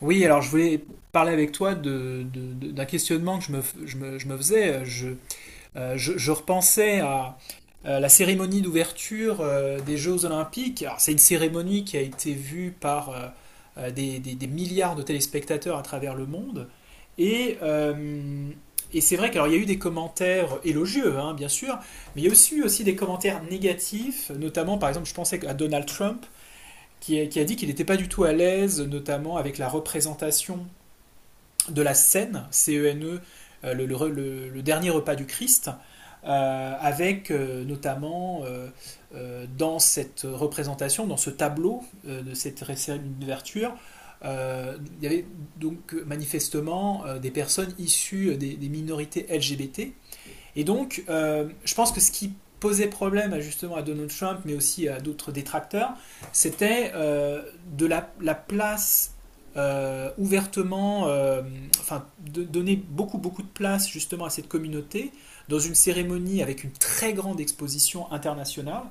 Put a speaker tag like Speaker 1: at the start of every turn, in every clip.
Speaker 1: Oui, alors je voulais parler avec toi d'un questionnement que je me faisais. Je repensais à la cérémonie d'ouverture des Jeux Olympiques. Alors, c'est une cérémonie qui a été vue par des milliards de téléspectateurs à travers le monde. Et, euh, et c'est vrai qu'il y a eu des commentaires élogieux, hein, bien sûr, mais il y a aussi eu aussi des commentaires négatifs, notamment par exemple, je pensais à Donald Trump qui a dit qu'il n'était pas du tout à l'aise, notamment avec la représentation de la scène, C-E-N-E, le dernier repas du Christ, avec notamment dans cette représentation, dans ce tableau de cette cérémonie d'ouverture, il y avait donc manifestement des personnes issues des minorités LGBT et donc, je pense que ce qui posait problème justement à Donald Trump, mais aussi à d'autres détracteurs, c'était la place euh, ouvertement, euh, enfin, de donner beaucoup beaucoup de place justement à cette communauté dans une cérémonie avec une très grande exposition internationale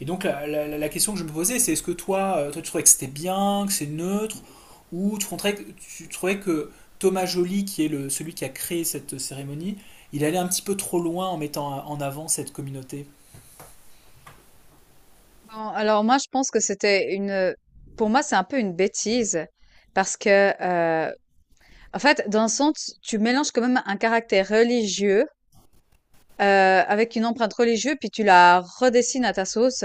Speaker 1: et donc la question que je me posais, c'est est-ce que toi, toi tu trouvais que c'était bien, que c'est neutre, ou tu trouvais que Thomas Joly, qui est le, celui qui a créé cette cérémonie, il allait un petit peu trop loin en mettant en avant cette communauté?
Speaker 2: Non, alors moi, je pense que c'était une... Pour moi, c'est un peu une bêtise parce que, en fait, dans le sens, tu mélanges quand même un caractère religieux avec une empreinte religieuse, puis tu la redessines à ta sauce.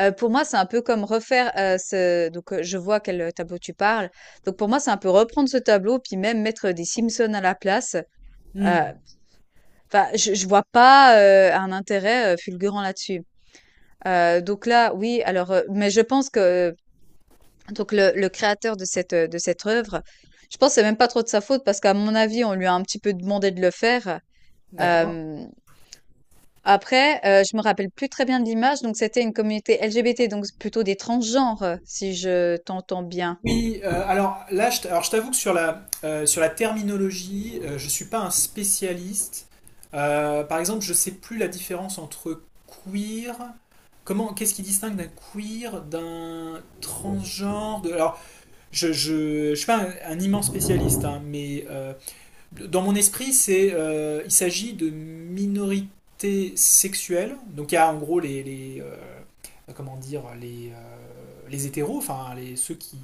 Speaker 2: Pour moi, c'est un peu comme refaire ce... Donc, je vois quel tableau tu parles. Donc, pour moi, c'est un peu reprendre ce tableau, puis même mettre des Simpsons à la place.
Speaker 1: Hmm.
Speaker 2: Euh, Enfin, je vois pas un intérêt fulgurant là-dessus. Donc là, oui, alors, mais je pense que... Donc, le créateur de cette œuvre, je pense que c'est même pas trop de sa faute parce qu'à mon avis, on lui a un petit peu demandé de le faire.
Speaker 1: D'accord.
Speaker 2: Hem, Après, je me rappelle plus très bien de l'image, donc c'était une communauté LGBT, donc c'est plutôt des transgenres, si je t'entends bien.
Speaker 1: Oui, alors là, je, t- alors, je t'avoue que sur sur la terminologie, je ne suis pas un spécialiste. Par exemple, je ne sais plus la différence entre queer, comment, qu'est-ce qui distingue d'un queer, d'un transgenre, de, alors je suis pas un, un immense spécialiste, hein, mais dans mon esprit, il s'agit de minorités sexuelles. Donc il y a en gros comment dire, les hétéros, enfin les, ceux qui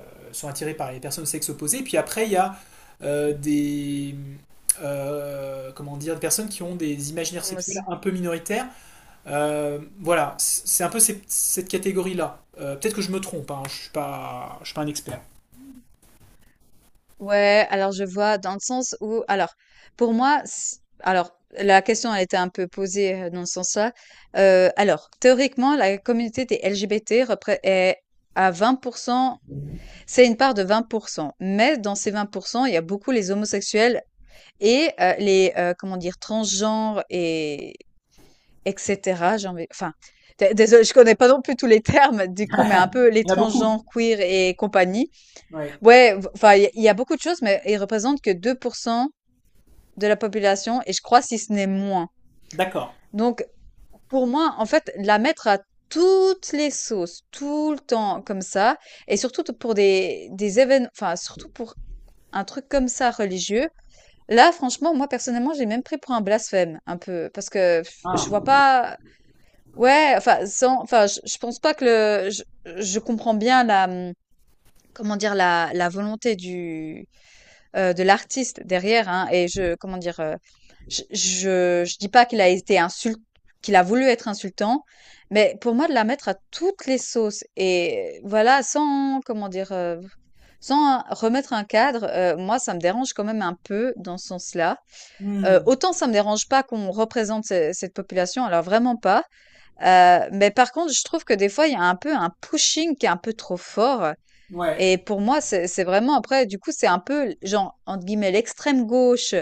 Speaker 1: sont attirés par les personnes de sexe opposé. Puis après, il y a euh, des, comment dire, des personnes qui ont des imaginaires
Speaker 2: Homo s
Speaker 1: sexuels un peu minoritaires. Voilà, c'est un peu cette catégorie-là. Peut-être que je me trompe, hein, je suis pas un expert.
Speaker 2: ouais, alors je vois dans le sens où... Alors, pour moi s alors la question a été un peu posée, dans ce sens-là. Alors théoriquement, la communauté des LGBT repré est à 20... C'est une part de 20%, mais dans ces 20% il y a beaucoup les homosexuels et les, comment dire? Transgenres et etc cetera, j'ai envie, enfin, dé désolée, je connais pas non plus tous les termes du coup, mais un
Speaker 1: Il
Speaker 2: peu les
Speaker 1: y en a beaucoup.
Speaker 2: transgenres, queer et compagnie.
Speaker 1: Ouais.
Speaker 2: Ouais, v enfin, il y a beaucoup de choses, mais ils représentent que 2% de la population, et je crois si ce n'est moins.
Speaker 1: D'accord.
Speaker 2: Donc, pour moi, en fait, la mettre à toutes les sauces, tout le temps comme ça, et surtout pour des événements, enfin surtout pour un truc comme ça, religieux. Là, franchement, moi, personnellement, j'ai même pris pour un blasphème, un peu, parce que, je vois
Speaker 1: Ah.
Speaker 2: pas. Ouais, enfin, sans, enfin, je pense pas que... Je comprends bien la, comment dire, la volonté du, de l'artiste derrière, hein, et je, comment dire, je dis pas qu'il a été qu'il a voulu être insultant, mais pour moi, de la mettre à toutes les sauces, et voilà, sans, comment dire, sans remettre un cadre, moi, ça me dérange quand même un peu dans ce sens-là.
Speaker 1: Hmm.
Speaker 2: Autant ça me dérange pas qu'on représente cette population, alors vraiment pas. Mais par contre, je trouve que des fois, il y a un peu un pushing qui est un peu trop fort.
Speaker 1: Ouais.
Speaker 2: Et pour moi, c'est vraiment... Après, du coup, c'est un peu, genre, entre guillemets, l'extrême gauche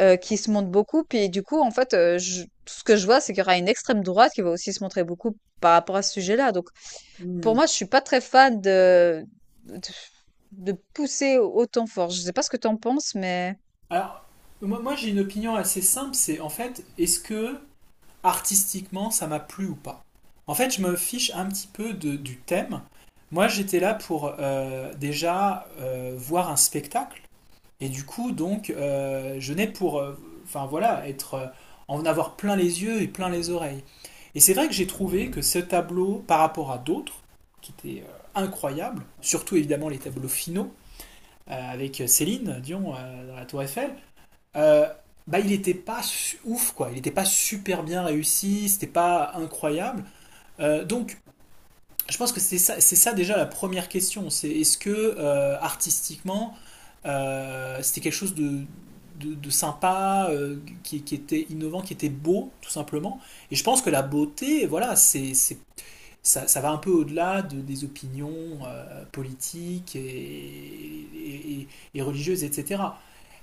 Speaker 2: qui se montre beaucoup. Puis du coup, en fait, tout ce que je vois, c'est qu'il y aura une extrême droite qui va aussi se montrer beaucoup par rapport à ce sujet-là. Donc, pour
Speaker 1: Hmm.
Speaker 2: moi, je suis pas très fan de, de, pousser autant fort. Je sais pas ce que t'en penses, mais...
Speaker 1: Alors, moi, j'ai une opinion assez simple, c'est en fait, est-ce que artistiquement ça m'a plu ou pas? En fait, je me fiche un petit peu de- du thème. Moi, j'étais là pour déjà voir un spectacle, et du coup, donc, je n'ai pour, enfin voilà, être, en avoir plein les yeux et plein les oreilles. Et c'est vrai que j'ai trouvé que ce tableau, par rapport à d'autres, qui était incroyables, surtout évidemment les tableaux finaux, avec Céline Dion dans la Tour Eiffel, euh, bah, il n'était pas ouf, quoi. Il n'était pas super bien réussi, c'était pas incroyable. Donc, je pense que c'est ça déjà la première question. C'est est-ce que artistiquement, c'était quelque chose de, de sympa, qui était innovant, qui était beau, tout simplement. Et je pense que la beauté, voilà, c'est ça, ça va un peu au-delà de, des opinions politiques et religieuses, etc. Et cetera.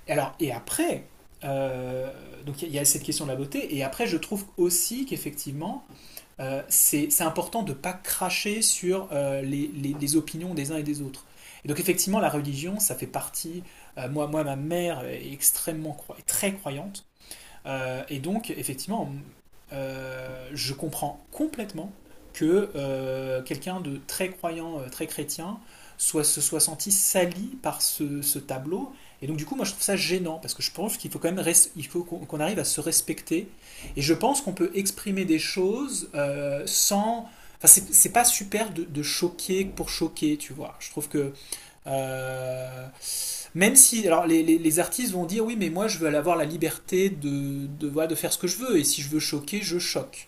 Speaker 1: Alors, et après, euh, donc y a cette question de la beauté, et après, je trouve aussi qu'effectivement, c'est important de ne pas cracher sur les opinions des uns et des autres. Et donc, effectivement, la religion, ça fait partie. Euh, moi, ma mère est extrêmement, très croyante. Et donc, effectivement, je comprends complètement que quelqu'un de très croyant, très chrétien, se soit senti sali par ce tableau. Et donc, du coup, moi, je trouve ça gênant, parce que je pense qu'il faut quand même il faut qu'on arrive à se respecter. Et je pense qu'on peut exprimer des choses sans. Enfin, c'est pas super de choquer pour choquer, tu vois. Je trouve que euh, même si, alors les artistes vont dire oui, mais moi je veux avoir la liberté voilà, de faire ce que je veux, et si je veux choquer, je choque.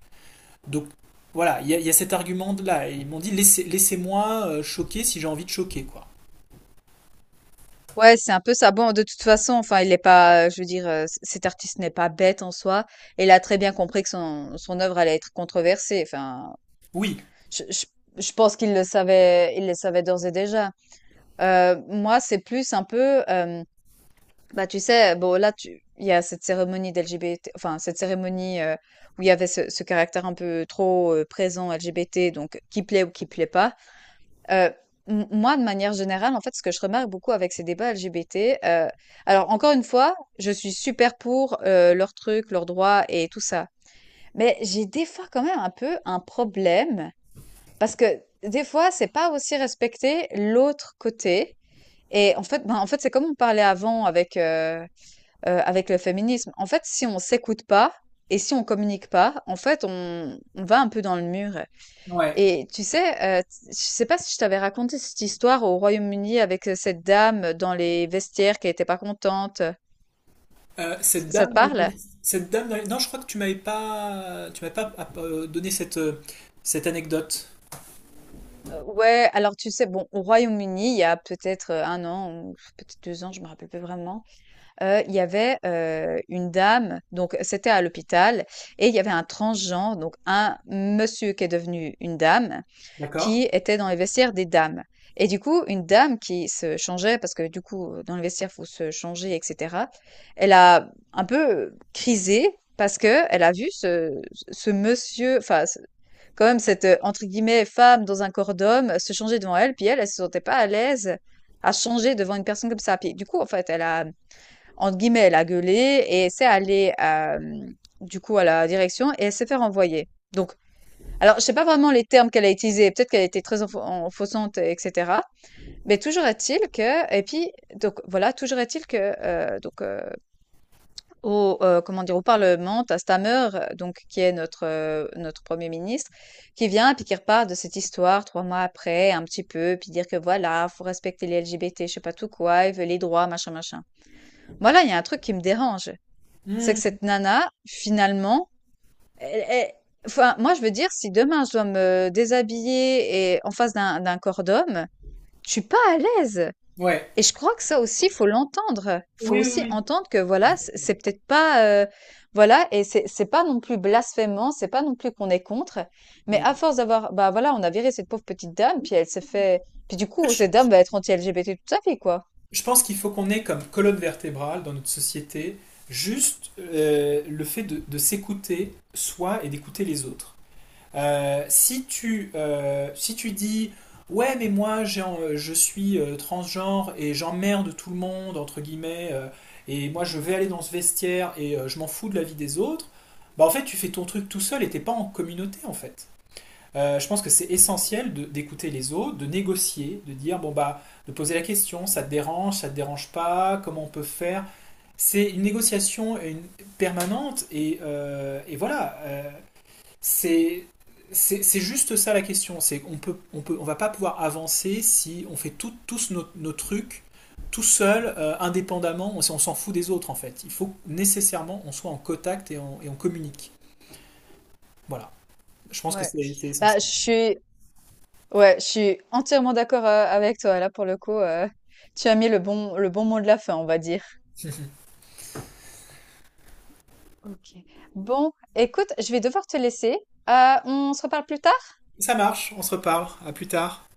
Speaker 1: Donc voilà, il y a cet argument-là. Ils m'ont dit laissez-moi choquer si j'ai envie de choquer, quoi.
Speaker 2: Ouais, c'est un peu ça. Bon, de toute façon, enfin, il est pas, je veux dire, cet artiste n'est pas bête en soi. Et il a très bien compris que son œuvre allait être controversée. Enfin,
Speaker 1: Oui,
Speaker 2: Je, je, je pense qu'il le savait, il le savait d'ores et déjà. Moi, c'est plus un peu, bah tu sais, bon là, il y a cette cérémonie d'LGBT, enfin cette cérémonie où il y avait ce caractère un peu trop présent LGBT, donc qui plaît ou qui plaît pas. Euh, Moi, de manière générale, en fait, ce que je remarque beaucoup avec ces débats LGBT, alors encore une fois, je suis super pour leurs trucs, leurs droits et tout ça, mais j'ai des fois quand même un peu un problème parce que des fois, c'est pas aussi respecter l'autre côté. Et en fait, ben, en fait, c'est comme on parlait avant avec, avec le féminisme. En fait, si on s'écoute pas et si on communique pas, en fait, on va un peu dans le mur.
Speaker 1: ouais.
Speaker 2: Et tu sais, je sais pas si je t'avais raconté cette histoire au Royaume-Uni avec cette dame dans les vestiaires qui était pas contente.
Speaker 1: Cette
Speaker 2: Ça
Speaker 1: dame,
Speaker 2: te
Speaker 1: dans
Speaker 2: parle?
Speaker 1: les- cette dame, dans les- non, je crois que tu m'avais pas donné cette anecdote.
Speaker 2: Ouais, alors tu sais, bon, au Royaume-Uni, il y a peut-être 1 an ou peut-être 2 ans, je me rappelle plus vraiment. Il y avait, une dame, donc c'était à l'hôpital, et il y avait un transgenre, donc un monsieur qui est devenu une dame,
Speaker 1: D'accord?
Speaker 2: qui était dans les vestiaires des dames, et du coup, une dame qui se changeait parce que, du coup, dans les vestiaires, faut se changer et cetera. Elle a un peu, crisé parce que elle a vu ce monsieur, enfin ce, quand même, cette, entre guillemets, «femme dans un corps d'homme» se changer devant elle, puis elle, elle se sentait pas à l'aise à changer devant une personne comme ça. Puis du coup, en fait, elle a, entre guillemets, elle a gueulé, et elle s'est allée du coup à la direction, et elle s'est fait renvoyer. Donc, alors je sais pas vraiment les termes qu'elle a utilisés, peut-être qu'elle a été très enfonçante, etc. Mais toujours est-il que... Et puis donc voilà, toujours est-il que donc au comment dire, au Parlement, t'as Stammer donc qui est notre Premier ministre, qui vient puis qui repart de cette histoire 3 mois après un petit peu, puis dire que voilà, faut respecter les LGBT, je sais pas tout quoi, ils veulent les droits machin machin. Voilà, il y a un truc qui me dérange. C'est que
Speaker 1: Hmm,
Speaker 2: cette nana, finalement, elle, elle- enfin, moi, je veux dire, si demain je dois me déshabiller et en face d'un corps d'homme, je suis pas à l'aise.
Speaker 1: ouais.
Speaker 2: Et je crois que ça aussi, faut l'entendre. Faut
Speaker 1: Oui, oui,
Speaker 2: aussi
Speaker 1: oui.
Speaker 2: entendre que voilà,
Speaker 1: Exactement.
Speaker 2: c'est peut-être pas, voilà, et c'est pas non plus blasphémant, c'est pas non plus qu'on est contre. Mais
Speaker 1: Mais
Speaker 2: à force d'avoir, bah voilà, on a viré cette pauvre petite dame, puis elle s'est fait, puis du coup, cette dame va être anti-LGBT toute sa vie, quoi.
Speaker 1: je pense qu'il faut qu'on ait comme colonne vertébrale dans notre société juste le fait de s'écouter soi et d'écouter les autres. Si tu dis ouais mais moi j'ai je suis transgenre et j'emmerde tout le monde entre guillemets et moi je vais aller dans ce vestiaire et je m'en fous de la vie des autres, bah en fait tu fais ton truc tout seul et t'es pas en communauté en fait. Je pense que c'est essentiel de- d'écouter les autres, de négocier, de dire bon bah, de poser la question, ça te dérange pas, comment on peut faire. C'est une négociation et permanente et voilà. Euh, c'est c'est juste ça la question. C'est on va pas pouvoir avancer si on fait tous nos trucs tout seul, indépendamment. On s'en fout des autres en fait. Il faut nécessairement on soit en contact et on communique. Voilà. Je pense que
Speaker 2: Ouais.
Speaker 1: c'est
Speaker 2: Bah, je
Speaker 1: essentiel.
Speaker 2: suis, ouais, je suis entièrement d'accord avec toi. Là, pour le coup, tu as mis le bon mot de la fin, on va dire. Ok. Bon, écoute, je vais devoir te laisser. On se reparle plus tard?
Speaker 1: Ça marche, on se reparle. À plus tard.